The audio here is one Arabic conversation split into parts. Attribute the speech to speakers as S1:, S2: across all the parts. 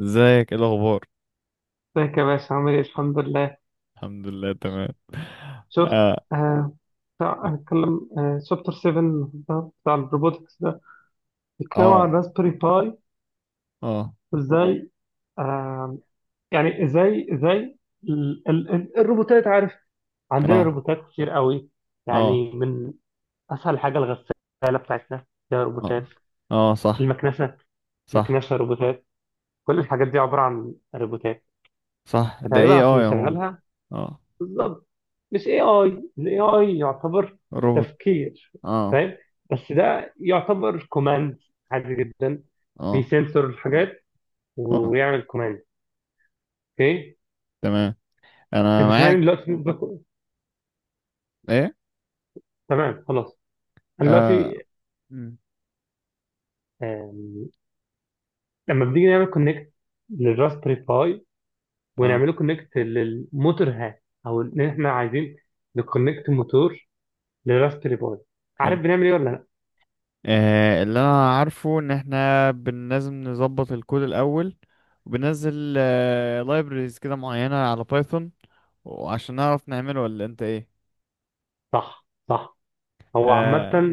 S1: ازيك؟ ايه الاخبار؟
S2: ازيك يا باشا، عامل ايه؟ الحمد لله.
S1: الحمد لله، تمام.
S2: شفت؟
S1: اه.
S2: آه. بتاع اتكلم شابتر 7 ده بتاع الروبوتكس ده. بيتكلم عن
S1: اه.
S2: راسبيري باي
S1: اه.
S2: وازاي. آه يعني ازاي ال ال ال الروبوتات، عارف؟ عندنا
S1: اه.
S2: روبوتات كتير قوي.
S1: اه.
S2: يعني من اسهل حاجه الغساله بتاعتنا فيها روبوتات.
S1: اه. اه، صح.
S2: المكنسه،
S1: صح.
S2: مكنسه روبوتات. كل الحاجات دي عباره عن روبوتات.
S1: صح. ده
S2: فتقريبا
S1: ايه؟
S2: عشان
S1: اه يا ماما.
S2: نشغلها
S1: اه.
S2: بالظبط، مش اي اي. الاي اي يعتبر
S1: روبوت.
S2: تفكير،
S1: اه.
S2: فاهم؟ بس ده يعتبر كوماند عادي جدا.
S1: اه.
S2: بيسنسور الحاجات
S1: اه.
S2: ويعمل كوماند. اوكي.
S1: تمام، انا
S2: انت سامعني
S1: معاك.
S2: دلوقتي
S1: ايه؟
S2: تمام خلاص. انا
S1: اه.
S2: دلوقتي،
S1: مم.
S2: آم، لما بنيجي نعمل كونكت للراسبري باي،
S1: تمام،
S2: ونعمله كونكت للموتور هات، او ان احنا عايزين نكونكت موتور للراسبري باي.
S1: حلو.
S2: عارف بنعمل ايه ولا لا؟
S1: اللي انا عارفه ان احنا لازم نظبط الكود الاول، وبننزل libraries كده معينة على بايثون، وعشان نعرف نعمله، ولا انت ايه؟
S2: صح، صح. هو عامة
S1: آه،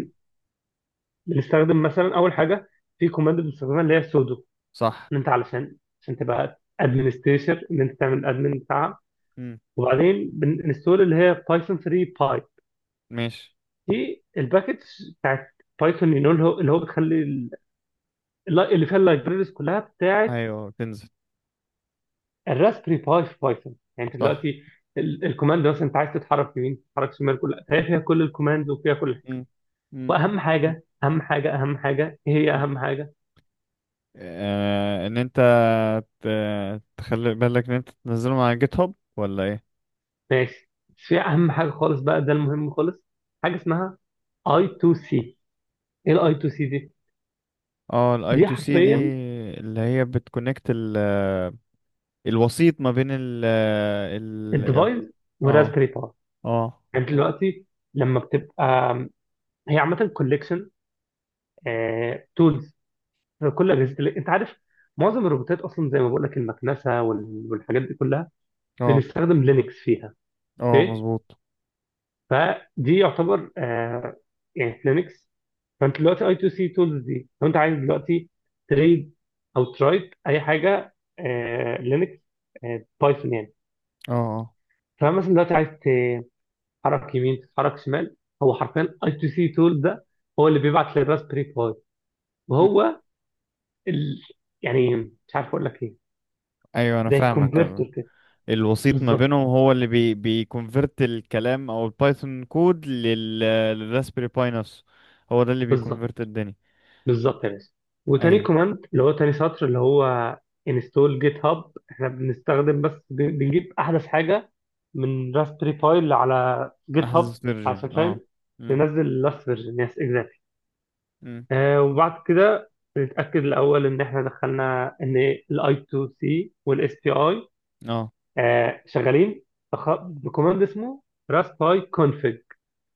S2: بنستخدم مثلا اول حاجه في كوماند بنستخدمها اللي هي سودو،
S1: صح.
S2: ان انت علشان تبقى ادمنستريتور، ان انت تعمل ادمن بتاعها.
S1: مم.
S2: وبعدين بنستول اللي هي بايثون 3 باي.
S1: ماشي.
S2: دي الباكج بتاعت بايثون، اللي هو بتخلي اللي فيها اللايبريز كلها بتاعت
S1: ايوه، تنزل.
S2: الراسبري باي في بايثون. يعني انت
S1: صح.
S2: دلوقتي الكوماند، مثلا انت عايز تتحرك يمين، تتحرك شمال، كلها، فهي فيها كل الكوماندز وفيها كل حاجه.
S1: مم. مم.
S2: واهم حاجه، اهم حاجه، اهم حاجه، ايه هي
S1: مم.
S2: اهم حاجه؟
S1: ان انت ت... تخلي بالك ان انت تنزله مع جيت هاب ولا ايه؟
S2: ماشي. بس في اهم حاجه خالص بقى، ده المهم خالص. حاجه اسمها اي 2 سي. ايه الاي 2 سي دي؟
S1: اه، الاي
S2: دي
S1: تو سي دي
S2: حرفيا
S1: اللي هي بتكونكت الوسيط ما بين ال
S2: الديفايس
S1: اه.
S2: والراسبيري باي.
S1: اه.
S2: يعني أنت دلوقتي لما بتبقى، هي عامه كوليكشن تولز. كل اجهزه انت عارف، معظم الروبوتات اصلا زي ما بقول لك، المكنسه والحاجات دي كلها
S1: اه.
S2: بنستخدم لينكس فيها.
S1: اه،
S2: اوكي.
S1: مظبوط.
S2: فدي يعتبر يعني لينكس. فانت دلوقتي اي تو سي تولز دي، لو انت عايز دلوقتي تريد او ترايت اي حاجه لينكس، بايثون يعني.
S1: اه. اه.
S2: فمثلا دلوقتي عايز تتحرك يمين، تتحرك شمال، هو حرفيا اي تو سي تول ده هو اللي بيبعت للراسبري باي.
S1: مم.
S2: وهو ال... يعني مش عارف اقول لك ايه،
S1: ايوه انا
S2: زي
S1: فاهمك.
S2: الكونفرتر كده.
S1: الوسيط ما
S2: بالظبط،
S1: بينهم هو اللي بيكونفرت الكلام او البايثون كود للراسبيري باي نفسه. هو ده اللي
S2: بالظبط،
S1: بيكونفرت الدنيا.
S2: بالظبط يا باشا. وتاني
S1: ايوه.
S2: كوماند اللي هو تاني سطر اللي هو انستول جيت هاب، احنا بنستخدم بس بنجيب احدث حاجه من راسبري باي على جيت هاب.
S1: احدث
S2: عشان
S1: فيرجن،
S2: فاهم،
S1: اه. امم
S2: ننزل لاست فيرجن، يس اكزاكتلي.
S1: امم
S2: وبعد كده نتاكد الاول ان احنا دخلنا ان الاي تو سي والاس بي اي
S1: اه،
S2: شغالين، بكوماند اسمه راست باي كونفج.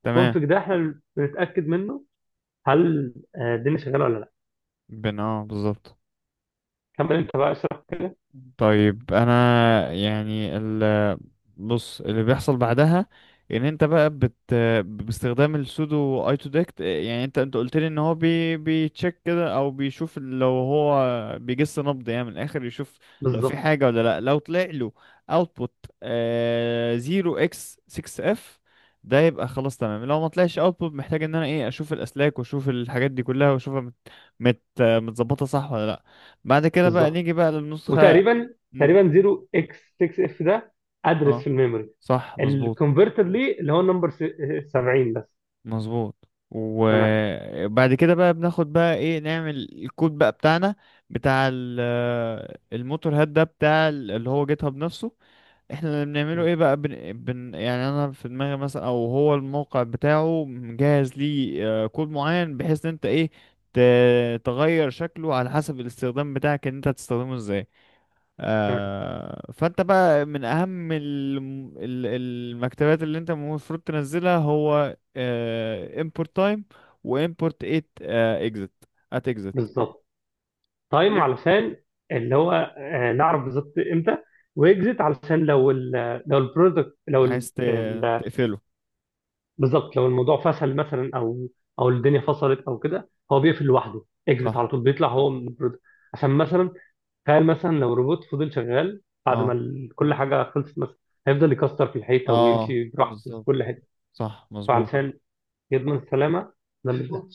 S1: تمام.
S2: كونفج ده احنا بنتاكد منه، هل الدنيا شغاله ولا لا.
S1: بن اه بالظبط.
S2: كمل انت بقى، اشرح كده.
S1: طيب انا يعني، بص اللي بيحصل بعدها، ان انت بقى باستخدام السودو اي تو ديكت، يعني انت قلت لي ان هو بيتشيك كده، او بيشوف لو هو بيجس نبض، يعني من الاخر يشوف لو في
S2: بالظبط،
S1: حاجه ولا لا. لو طلع له اوتبوت 0x6F، ده يبقى خلاص تمام. لو ما طلعش اوتبوت محتاج ان انا، ايه، اشوف الاسلاك واشوف الحاجات دي كلها واشوفها متظبطه صح ولا لا. بعد كده بقى
S2: بالظبط.
S1: نيجي بقى للنسخه.
S2: وتقريبا،
S1: مم.
S2: تقريبا 0 اكس 6 اف ده ادرس في
S1: اه،
S2: الميموري
S1: صح مظبوط.
S2: الكونفرتر ليه، اللي هو النمبر 70 بس.
S1: مظبوط.
S2: تمام،
S1: وبعد كده بقى بناخد بقى، ايه، نعمل الكود بقى بتاعنا بتاع الموتور هاد ده بتاع اللي هو جيت هاب نفسه. احنا اللي بنعمله ايه بقى، يعني انا في دماغي مثلا، او هو الموقع بتاعه مجهز ليه كود معين بحيث ان انت، ايه، ت... تغير شكله على حسب الاستخدام بتاعك ان انت هتستخدمه ازاي.
S2: تمام،
S1: فانت بقى من اهم المكتبات اللي انت المفروض تنزلها هو، import time و import at exit. at exit
S2: بالظبط. تايم
S1: ليه؟
S2: علشان، اللي هو نعرف بالظبط امتى. واكزيت علشان لو لو البرودكت، لو
S1: عايز تقفله.
S2: بالظبط، لو الموضوع فشل مثلا، او او الدنيا فصلت او كده، هو بيقفل لوحده. اكزيت
S1: صح.
S2: على طول بيطلع هو من البرودكت. عشان مثلا تخيل مثلا لو روبوت فضل شغال بعد ما
S1: اه.
S2: كل حاجة خلصت مثلا، هيفضل يكسر في الحيطة
S1: اه،
S2: ويمشي براحته في
S1: بالظبط.
S2: كل حتة.
S1: صح مظبوط.
S2: فعلشان يضمن السلامة، ده اللي بيحصل.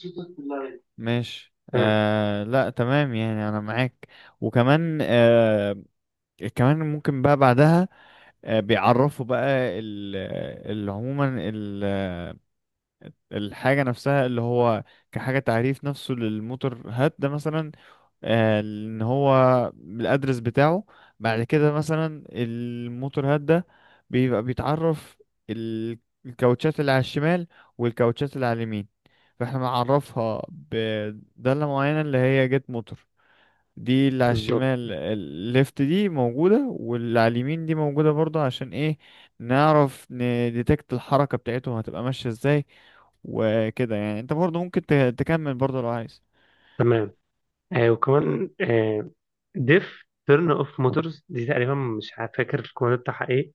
S1: ماشي، آه لا تمام، يعني انا معاك. وكمان كمان ممكن بقى بعدها بيعرفوا بقى ال- عموما الحاجة نفسها اللي هو كحاجة تعريف نفسه للموتور هات ده مثلا، ان هو الادرس بتاعه. بعد كده مثلا الموتور هاد ده بيبقى بيتعرف ال- الكاوتشات اللي على الشمال، والكاوتشات اللي على اليمين. فاحنا بنعرفها بدالة معينة اللي هي جيت موتور. دي اللي على
S2: بالظبط،
S1: الشمال الليفت دي موجودة، واللي على اليمين دي موجودة برضه، عشان ايه؟ نعرف نديتكت الحركة بتاعتهم هتبقى ماشية ازاي. وكده يعني انت برضه ممكن تكمل برضه لو عايز.
S2: تمام. وكمان، ديف تيرن اوف موتورز دي، تقريبا مش فاكر الكود بتاعها ايه،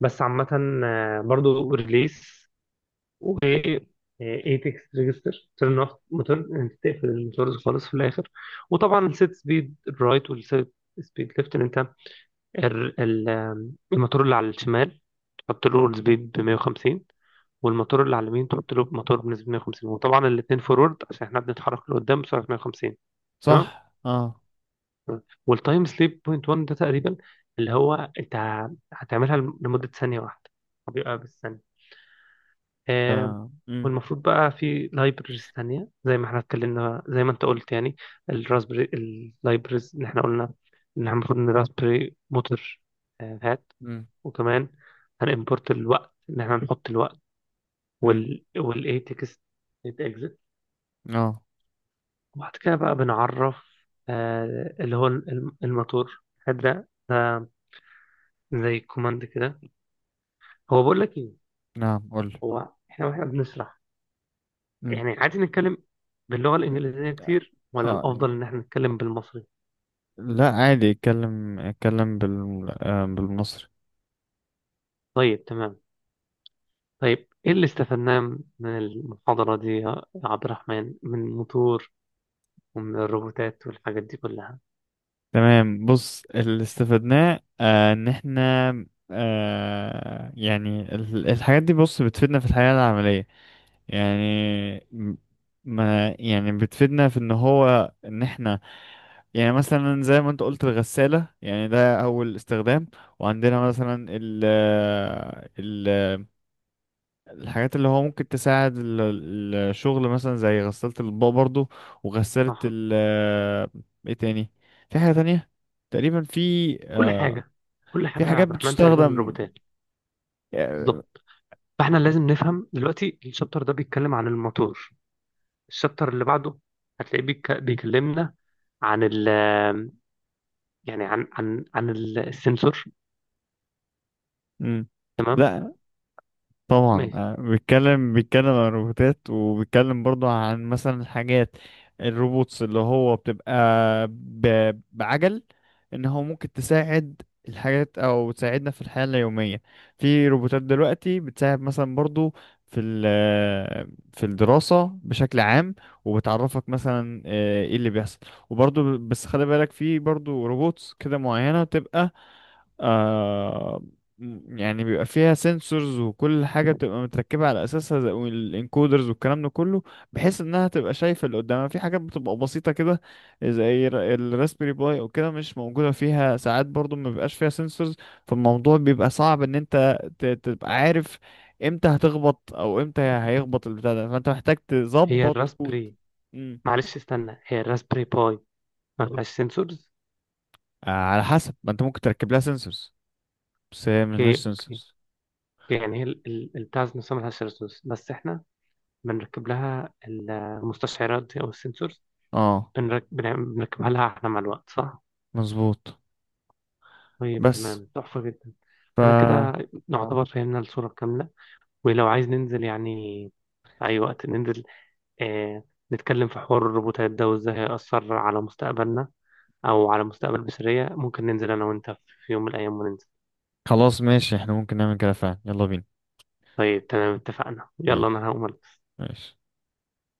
S2: بس عامة برضو ريليس و ايتكس ريجستر. تيرن اوف موتور، انت تقفل الموتورز خالص في الاخر. وطبعا سيت سبيد رايت والسيت سبيد ليفت، انت ال- ال- آم، الموتور اللي على الشمال تحط له اورد سبيد ب 150. والموتور اللي على اليمين تحط له موتور بنسبة 150. وطبعا الاثنين فورورد عشان احنا بنتحرك لقدام بسرعة 150. تمام.
S1: صح. اه.
S2: والتايم سليب بوينت 1 ده تقريبا، اللي هو انت هتعملها لمدة ثانية واحدة، بيبقى بالثانية.
S1: ف...
S2: آه. والمفروض بقى في لايبرز تانية زي ما احنا اتكلمنا، زي ما انت قلت يعني الراسبري اللايبرز اللي احنا قلنا ان احنا المفروض، ان راسبري موتور هات.
S1: مم.
S2: وكمان هنimport الوقت، ان احنا نحط الوقت،
S1: مم.
S2: والايه تكست، اكزت.
S1: اه،
S2: وبعد كده بقى بنعرف اللي هو الموتور هذا ده زي كوماند كده. هو بقول لك ايه؟
S1: نعم قول.
S2: هو احنا، واحنا بنشرح
S1: مم.
S2: يعني، عادي نتكلم باللغة الإنجليزية كتير، ولا
S1: اه،
S2: الأفضل إن احنا نتكلم بالمصري؟
S1: لا عادي اتكلم اتكلم بالمصري.
S2: طيب، تمام. طيب، إيه اللي استفدناه من المحاضرة دي يا عبد الرحمن، من الموتور ومن الروبوتات والحاجات دي كلها؟
S1: تمام. بص اللي استفدناه ان احنا، يعني الحاجات دي بص بتفيدنا في الحياة العملية، يعني م- ما يعني بتفيدنا في ان هو ان احنا، يعني مثلا زي ما انت قلت الغسالة، يعني ده اول استخدام. وعندنا مثلا ال الحاجات اللي هو ممكن تساعد الشغل مثلا زي غسالة الأطباق برضو، وغسالة
S2: صح.
S1: ال. ايه تاني؟ في حاجة تانية تقريبا في،
S2: كل
S1: آه،
S2: حاجة، كل
S1: في
S2: حاجة يا
S1: حاجات
S2: عبد الرحمن تقريبا
S1: بتستخدم،
S2: روبوتات.
S1: آه،
S2: بالظبط. فاحنا لازم نفهم دلوقتي الشابتر ده بيتكلم عن الموتور. الشابتر اللي بعده هتلاقيه بيكلمنا عن يعني عن السنسور.
S1: مم.
S2: تمام.
S1: لا طبعا،
S2: ماشي.
S1: بيتكلم بيتكلم عن الروبوتات، وبيتكلم برضو عن مثلا الحاجات الروبوتس اللي هو بتبقى بعجل، ان هو ممكن تساعد الحاجات او تساعدنا في الحياة اليومية. في روبوتات دلوقتي بتساعد مثلا برضو في في الدراسة بشكل عام، وبتعرفك مثلا ايه اللي بيحصل. وبرضو بس خلي بالك في برضو روبوتس كده معينة تبقى آه، يعني بيبقى فيها سنسورز، وكل حاجة بتبقى متركبة على أساسها زي الانكودرز والكلام ده كله بحيث إنها تبقى شايفة اللي قدامها. في حاجات بتبقى بسيطة كده زي الراسبيري باي أو كده مش موجودة فيها. ساعات برضو ما بيبقاش فيها سنسورز، فالموضوع بيبقى صعب إن أنت تبقى عارف إمتى هتخبط أو إمتى هيخبط البتاع ده، فأنت محتاج
S2: هي
S1: تظبط كود.
S2: الراسبري،
S1: مم.
S2: معلش استنى، هي الراسبري باي ما فيهاش سنسورز؟
S1: آه، على حسب ما أنت ممكن تركب لها سنسورز، بس هي
S2: اوكي،
S1: ملهاش
S2: اوكي، أوكي.
S1: سنسورز.
S2: يعني هي البتاع ذات نفسها ما فيهاش سنسورز، بس احنا بنركب لها المستشعرات دي او السنسورز.
S1: اه،
S2: بنركبها لها احنا مع الوقت، صح؟
S1: مظبوط.
S2: طيب
S1: بس،
S2: تمام، تحفة جدا. أنا كده
S1: ف،
S2: اه نعتبر فهمنا الصورة الكاملة. ولو عايز ننزل، يعني في أي وقت ننزل، آه نتكلم في حوار الروبوتات ده وإزاي هيأثر على مستقبلنا أو على مستقبل بشرية، ممكن ننزل أنا وأنت في يوم من الأيام وننزل.
S1: خلاص ماشي احنا ممكن نعمل كده فعلا، يلا بينا.
S2: طيب تمام، اتفقنا. يلا
S1: ماشي.
S2: أنا هقوم.
S1: ماشي.